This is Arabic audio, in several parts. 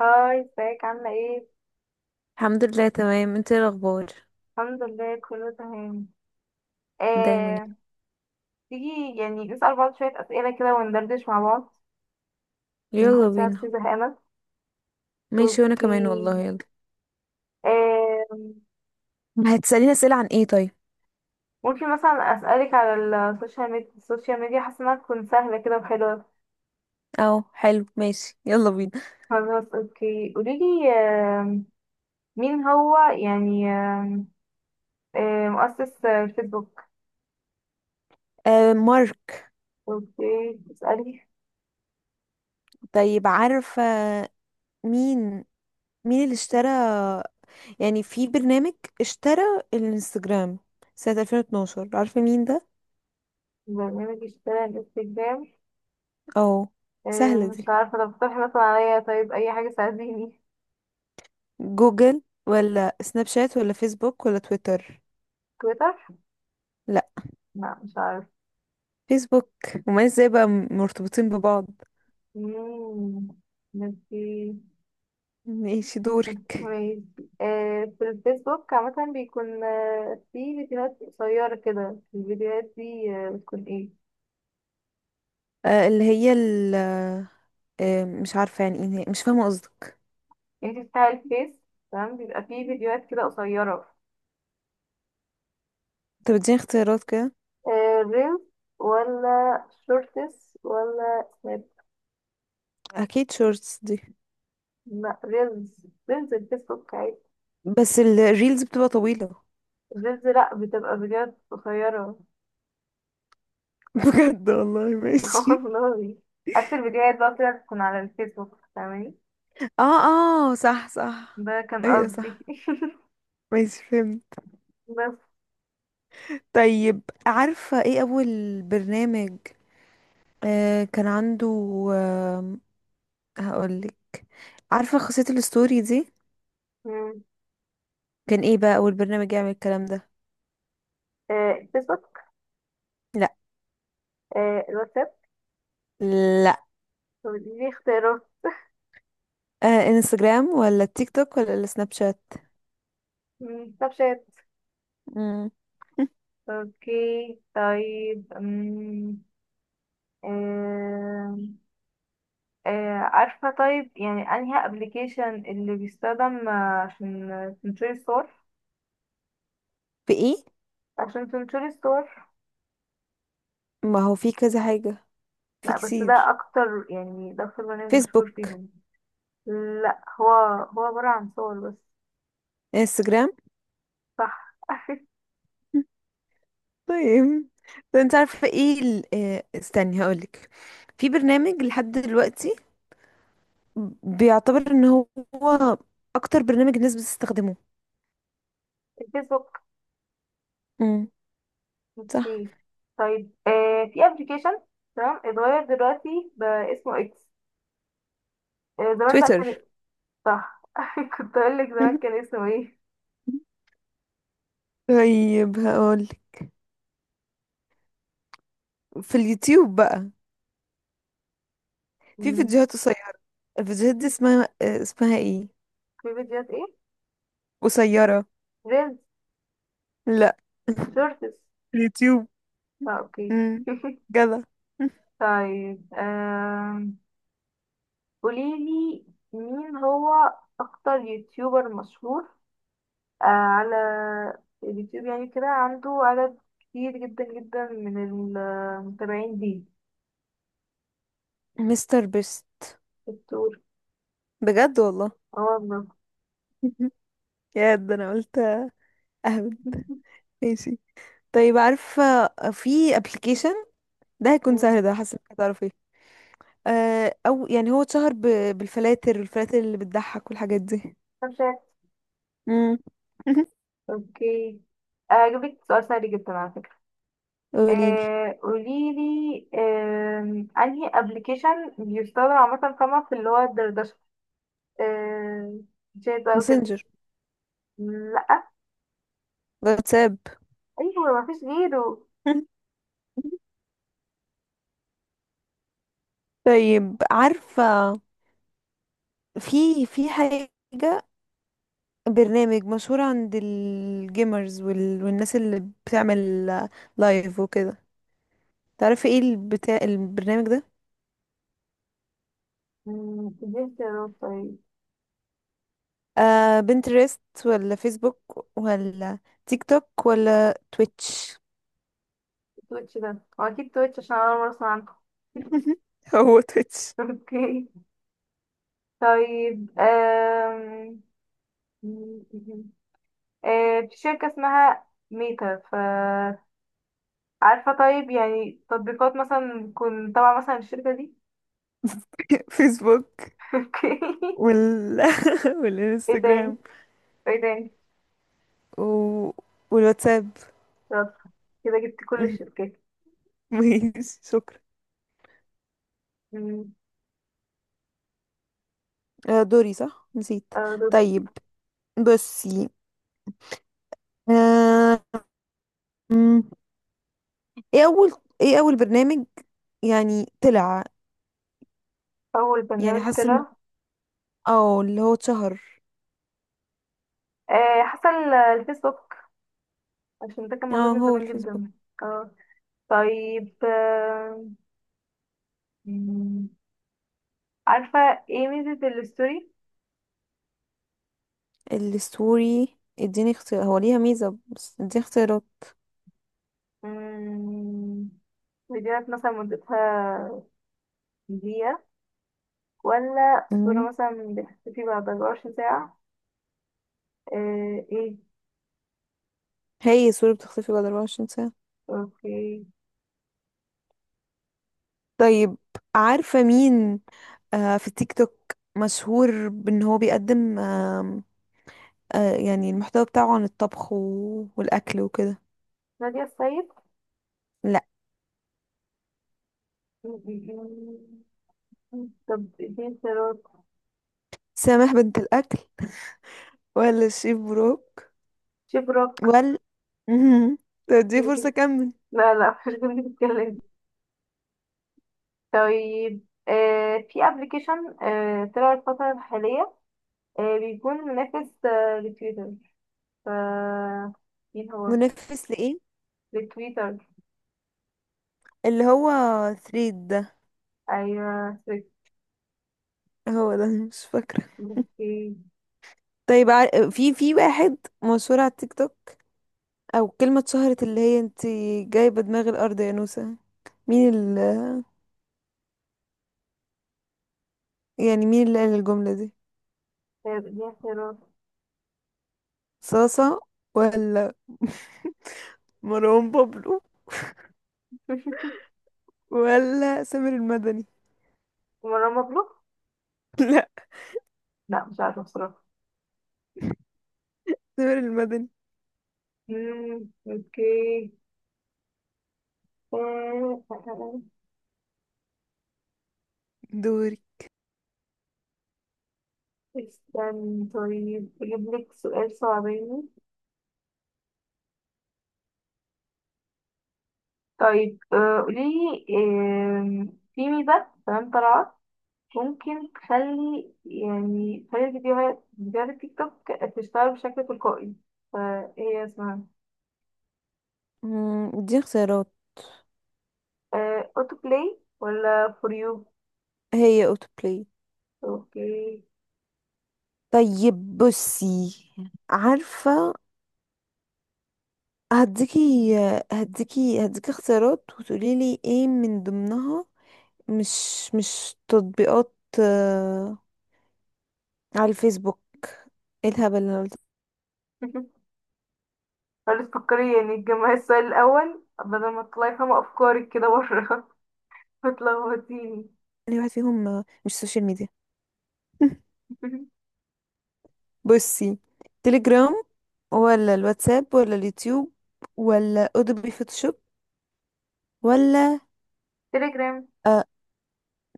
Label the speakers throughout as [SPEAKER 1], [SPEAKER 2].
[SPEAKER 1] هاي ازيك عاملة ايه؟
[SPEAKER 2] الحمد لله تمام. انت ايه الاخبار؟
[SPEAKER 1] الحمد لله كله تمام.
[SPEAKER 2] دايما.
[SPEAKER 1] آه، تيجي يعني نسأل بعض شوية أسئلة كده وندردش مع بعض.
[SPEAKER 2] يلا
[SPEAKER 1] نحط نفسي
[SPEAKER 2] بينا.
[SPEAKER 1] زهقانة.
[SPEAKER 2] ماشي وانا
[SPEAKER 1] اوكي.
[SPEAKER 2] كمان والله، يلا.
[SPEAKER 1] آه،
[SPEAKER 2] هتسأليني اسئلة عن ايه طيب؟
[SPEAKER 1] ممكن مثلا أسألك على السوشيال ميديا، حاسة انها تكون سهلة كده وحلوة.
[SPEAKER 2] اه حلو، ماشي يلا بينا.
[SPEAKER 1] خلاص اوكي قوليلي، مين هو يعني مؤسس فيسبوك؟
[SPEAKER 2] آه مارك.
[SPEAKER 1] اوكي اسألي.
[SPEAKER 2] طيب عارفة مين؟ مين اللي اشترى، يعني في برنامج اشترى الانستجرام سنة 2012، عارفة مين ده؟
[SPEAKER 1] برنامج اشترى الانستجرام.
[SPEAKER 2] اه
[SPEAKER 1] إيه،
[SPEAKER 2] سهلة
[SPEAKER 1] مش
[SPEAKER 2] دي.
[SPEAKER 1] عارفة، طب اقترحي مثلا عليا، طيب أي حاجة تساعديني.
[SPEAKER 2] جوجل ولا سناب شات ولا فيسبوك ولا تويتر؟
[SPEAKER 1] تويتر؟
[SPEAKER 2] لا،
[SPEAKER 1] لا مش عارفة.
[SPEAKER 2] فيسبوك. وما ازاي بقى مرتبطين ببعض؟
[SPEAKER 1] مم، ماشي
[SPEAKER 2] ماشي دورك.
[SPEAKER 1] ماشي. إيه، في الفيسبوك عامة بيكون في فيديوهات قصيرة كده. الفيديوهات دي بتكون ايه؟
[SPEAKER 2] اللي هي ال مش عارفة يعني ايه هي، مش فاهمة قصدك.
[SPEAKER 1] انتي بتاع الفيس. تمام بيبقى في فيديوهات كده قصيرة.
[SPEAKER 2] انت بتديني اختيارات كده؟
[SPEAKER 1] إيه، ريلز ولا شورتس ولا سناب؟
[SPEAKER 2] اكيد شورتس دي.
[SPEAKER 1] لا ريلز الفيسبوك عادي.
[SPEAKER 2] بس الريلز بتبقى طويلة.
[SPEAKER 1] ريلز لا بتبقى فيديوهات قصيرة.
[SPEAKER 2] بجد والله؟ ماشي.
[SPEAKER 1] والله. عكس الفيديوهات بقى طلعت تكون على الفيسبوك، فاهماني؟
[SPEAKER 2] اه اه، صح صح.
[SPEAKER 1] ده كان
[SPEAKER 2] ايوه صح،
[SPEAKER 1] قصدي.
[SPEAKER 2] ماشي فهمت.
[SPEAKER 1] بس.
[SPEAKER 2] طيب عارفة ايه اول برنامج كان عنده؟ آه هقولك. عارفة خاصية الستوري دي؟
[SPEAKER 1] مم.
[SPEAKER 2] كان ايه بقى اول برنامج يعمل الكلام ده؟
[SPEAKER 1] الفيسبوك.
[SPEAKER 2] لا.
[SPEAKER 1] الواتساب.
[SPEAKER 2] لا.
[SPEAKER 1] دي اختيارات.
[SPEAKER 2] آه انستجرام ولا تيك توك ولا السناب شات؟
[SPEAKER 1] سناب شات.
[SPEAKER 2] مم.
[SPEAKER 1] اوكي طيب. آه، عارفة طيب يعني انهي ابلكيشن اللي بيستخدم عشان تنشري الصور؟
[SPEAKER 2] في ايه؟
[SPEAKER 1] عشان تنشري الصور
[SPEAKER 2] ما هو في كذا حاجة، في
[SPEAKER 1] لا بس
[SPEAKER 2] كتير.
[SPEAKER 1] ده اكتر برنامج مشهور
[SPEAKER 2] فيسبوك.
[SPEAKER 1] فيهم. لا هو، هو عبارة عن صور بس.
[SPEAKER 2] انستجرام.
[SPEAKER 1] صح.
[SPEAKER 2] طيب، ده انت عارفة ايه ال... استني هقولك. في برنامج لحد دلوقتي بيعتبر ان هو اكتر برنامج الناس بتستخدمه.
[SPEAKER 1] الفيسبوك.
[SPEAKER 2] امم. صح.
[SPEAKER 1] اوكي طيب. في ابلكيشن، تمام، اتغير دلوقتي بقى اسمه اكس. زمان بقى كان.
[SPEAKER 2] تويتر.
[SPEAKER 1] صح. كنت اقول لك زمان كان اسمه ايه.
[SPEAKER 2] طيب هقولك، في اليوتيوب بقى في
[SPEAKER 1] مم.
[SPEAKER 2] فيديوهات قصيرة، الفيديوهات دي اسمها اسمها ايه؟
[SPEAKER 1] في فيديوهات ايه؟
[SPEAKER 2] قصيرة.
[SPEAKER 1] ريلز.
[SPEAKER 2] لا.
[SPEAKER 1] شورتس.
[SPEAKER 2] اليوتيوب.
[SPEAKER 1] اه اوكي.
[SPEAKER 2] امم. جدع.
[SPEAKER 1] طيب، قوليلي، مين هو اكتر يوتيوبر مشهور على اليوتيوب، يعني كده عنده عدد كتير جدا جدا من المتابعين؟
[SPEAKER 2] مستر بيست.
[SPEAKER 1] دي.
[SPEAKER 2] بجد والله.
[SPEAKER 1] اه والله.
[SPEAKER 2] يا ده انا قلت اهبل. ماشي. طيب عارفة، في ابلكيشن ده هيكون
[SPEAKER 1] مم.
[SPEAKER 2] سهل، ده حاسة انك هتعرفيه. او يعني هو اتشهر بالفلاتر، الفلاتر اللي بتضحك والحاجات دي.
[SPEAKER 1] طب شايف.
[SPEAKER 2] امم.
[SPEAKER 1] اوكي اجيب لك سؤال سهل جدا على فكرة.
[SPEAKER 2] قوليلي.
[SPEAKER 1] قولي لي، انهي ابلكيشن بيستخدم عامة فما في اللي هو الدردشة، آه شات بقى وكده؟
[SPEAKER 2] ماسنجر.
[SPEAKER 1] لا.
[SPEAKER 2] واتساب.
[SPEAKER 1] ايوه مفيش غيره.
[SPEAKER 2] طيب عارفة، في حاجة، برنامج مشهور عند الجيمرز وال... والناس اللي بتعمل لايف وكده، تعرفي ايه البتاع البرنامج ده؟
[SPEAKER 1] دي اختيارات طيب.
[SPEAKER 2] آه بنترست ولا فيسبوك ولا تيك توك ولا تويتش؟
[SPEAKER 1] تويتش ده. هو اكيد تويتش عشان انا أول مرة اسمع عنه.
[SPEAKER 2] هو تويتش.
[SPEAKER 1] اوكي طيب، في شركة اسمها ميتا، ف عارفة طيب يعني تطبيقات مثلا تكون تبع مثلا الشركة دي؟
[SPEAKER 2] فيسبوك
[SPEAKER 1] اوكي.
[SPEAKER 2] وال
[SPEAKER 1] ايه
[SPEAKER 2] والانستجرام
[SPEAKER 1] تاني؟ ايه تاني؟
[SPEAKER 2] و... والواتساب.
[SPEAKER 1] شاطرة، كده جبت كل الشركات.
[SPEAKER 2] ماشي شكرا.
[SPEAKER 1] مم.
[SPEAKER 2] آه دوري صح، نسيت.
[SPEAKER 1] دوري.
[SPEAKER 2] طيب بصي، آه ايه اول ايه اول برنامج يعني طلع،
[SPEAKER 1] أول
[SPEAKER 2] يعني
[SPEAKER 1] برنامج
[SPEAKER 2] حاسه ان
[SPEAKER 1] طلع.
[SPEAKER 2] اه اللي هو اتشهر؟
[SPEAKER 1] حصل الفيسبوك عشان ده كان موجود
[SPEAKER 2] اه
[SPEAKER 1] من
[SPEAKER 2] هو
[SPEAKER 1] زمان
[SPEAKER 2] الفيسبوك.
[SPEAKER 1] جدا. اه. طيب مم. عارفة ايه ميزة الستوري؟
[SPEAKER 2] الستوري اديني اختيار، هو ليها ميزه بس اديني اختيارات.
[SPEAKER 1] مم، فيديوهات مثلا مدتها دقيقة، ولا صورة
[SPEAKER 2] مم.
[SPEAKER 1] مثلا بتختفي بعد 24 ساعة؟ ايه.
[SPEAKER 2] هي الصوره بتختفي بعد 24 ساعه.
[SPEAKER 1] اوكي.
[SPEAKER 2] طيب عارفه مين آه في التيك توك مشهور بان هو بيقدم آه، آه يعني المحتوى بتاعه عن الطبخ و... والاكل وكده؟
[SPEAKER 1] نادية السيد.
[SPEAKER 2] لا.
[SPEAKER 1] طب دي اختيارات.
[SPEAKER 2] سامح بنت الاكل ولا الشيف بروك
[SPEAKER 1] شبرك.
[SPEAKER 2] ولا مهم. طب دي فرصه كمل.
[SPEAKER 1] لا لا، مش دي اللي بتتكلم. طيب في ابلكيشن طلع الفترة الحالية، بيكون منافس لتويتر، ف مين هو؟
[SPEAKER 2] منافس لإيه؟
[SPEAKER 1] لتويتر.
[SPEAKER 2] اللي هو ثريد ده؟
[SPEAKER 1] ايوه سويت.
[SPEAKER 2] هو ده، مش فاكرة.
[SPEAKER 1] اوكي
[SPEAKER 2] طيب في واحد مشهور على التيك توك، او كلمة اتشهرت اللي هي انت جايبة دماغ الارض يا نوسة، مين ال، يعني مين اللي قال الجملة دي؟
[SPEAKER 1] طيب دي اختيارات.
[SPEAKER 2] صاصة ولا مروان بابلو ولا سامر المدني؟
[SPEAKER 1] مروان مبلوك.
[SPEAKER 2] لا،
[SPEAKER 1] لا مش عارفة بصراحة.
[SPEAKER 2] سامر المدني.
[SPEAKER 1] اوكي.
[SPEAKER 2] دوري.
[SPEAKER 1] استنى، طيب أجيب لك سؤال صعباني. طيب قوليلي، في ميزة تمام طلعت، ممكن تخلي فيديوهات التيك توك تشتغل بشكل تلقائي، فهي اسمها
[SPEAKER 2] مم، دي اختيارات.
[SPEAKER 1] أوتو بلاي ولا فور يو؟
[SPEAKER 2] هي اوتو بلاي.
[SPEAKER 1] اوكي.
[SPEAKER 2] طيب بصي، عارفة، هديكي هديكي اختيارات وتقولي لي ايه من ضمنها مش تطبيقات آه، على الفيسبوك. ايه الهبل اللي انا قلت.
[SPEAKER 1] خلاص فكري يعني تجمعي السؤال الأول، بدل ما تطلعي فاهمة أفكارك كده بره. بتلخبطيني.
[SPEAKER 2] يعني واحد فيهم مش سوشيال ميديا. بصي، تليجرام ولا الواتساب ولا اليوتيوب ولا اودوبي فوتوشوب ولا
[SPEAKER 1] تليجرام.
[SPEAKER 2] آه؟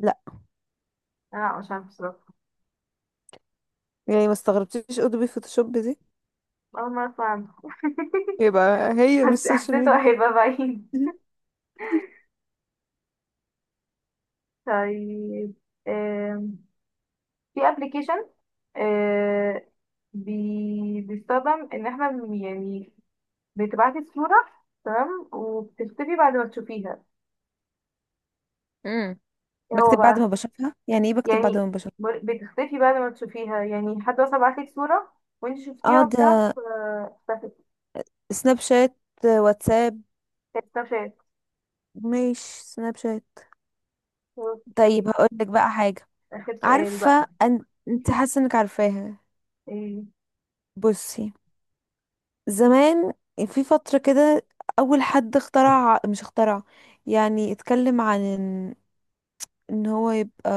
[SPEAKER 2] لا.
[SPEAKER 1] لا مش عارفة بصراحة،
[SPEAKER 2] يعني ما استغربتيش اودوبي فوتوشوب دي؟
[SPEAKER 1] أول مرة أسمع عنه.
[SPEAKER 2] يبقى هي مش سوشيال
[SPEAKER 1] حسيته
[SPEAKER 2] ميديا.
[SPEAKER 1] هيبقى بعيد. طيب، آم، في ابلكيشن بيستخدم ان احنا بتبعتي الصورة، تمام، وبتختفي بعد ما تشوفيها.
[SPEAKER 2] امم.
[SPEAKER 1] ايه هو
[SPEAKER 2] بكتب بعد ما
[SPEAKER 1] بقى؟
[SPEAKER 2] بشوفها؟ يعني ايه بكتب بعد ما
[SPEAKER 1] يعني
[SPEAKER 2] بشوفها؟
[SPEAKER 1] بتختفي بعد ما تشوفيها، يعني حد مثلا بعتلك صورة وانت
[SPEAKER 2] اه
[SPEAKER 1] شفتيها
[SPEAKER 2] ده
[SPEAKER 1] وبتاع اختفت.
[SPEAKER 2] سناب شات. واتساب.
[SPEAKER 1] كانت سناب شات.
[SPEAKER 2] مش سناب شات.
[SPEAKER 1] اوكي.
[SPEAKER 2] طيب هقولك بقى حاجة.
[SPEAKER 1] اخر سؤال بقى.
[SPEAKER 2] عارفة، انت حاسة انك عارفاها.
[SPEAKER 1] ايه.
[SPEAKER 2] بصي، زمان في فترة كده، أول حد اخترع، مش اخترع يعني، اتكلم عن ان، إن هو يبقى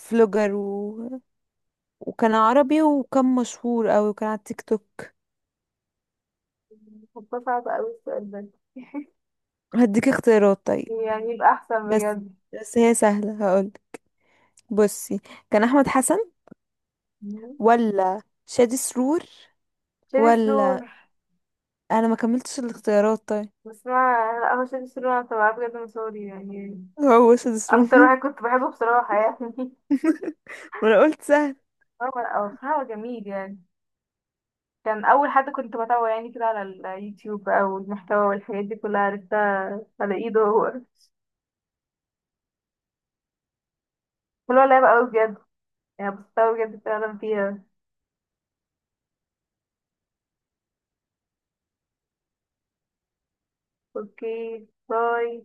[SPEAKER 2] فلوجر و... وكان عربي وكان مشهور أوي وكان على التيك توك.
[SPEAKER 1] هو صعب اوي السؤال ده،
[SPEAKER 2] هديك اختيارات طيب.
[SPEAKER 1] يعني يبقى احسن
[SPEAKER 2] بس،
[SPEAKER 1] بجد.
[SPEAKER 2] بس هي سهلة هقولك. بصي، كان أحمد حسن ولا شادي سرور
[SPEAKER 1] شيل
[SPEAKER 2] ولا،
[SPEAKER 1] سرور.
[SPEAKER 2] انا ما كملتش الاختيارات طيب.
[SPEAKER 1] بس انا، لا هو شادي سلوم، انا بتابعه بجد من صغري يعني،
[SPEAKER 2] هو سدس
[SPEAKER 1] اكتر
[SPEAKER 2] روم.
[SPEAKER 1] واحد كنت بحبه بصراحة يعني.
[SPEAKER 2] وانا قلت سهل.
[SPEAKER 1] هو بصراحة، هو جميل يعني. كان اول حد كنت بتابعه يعني كده على اليوتيوب بقى، والمحتوى والحاجات دي كلها عرفتها على ايده هو. هو لعب قوي بجد، يعني بستمتع بجد فعلا فيها. اوكي باي.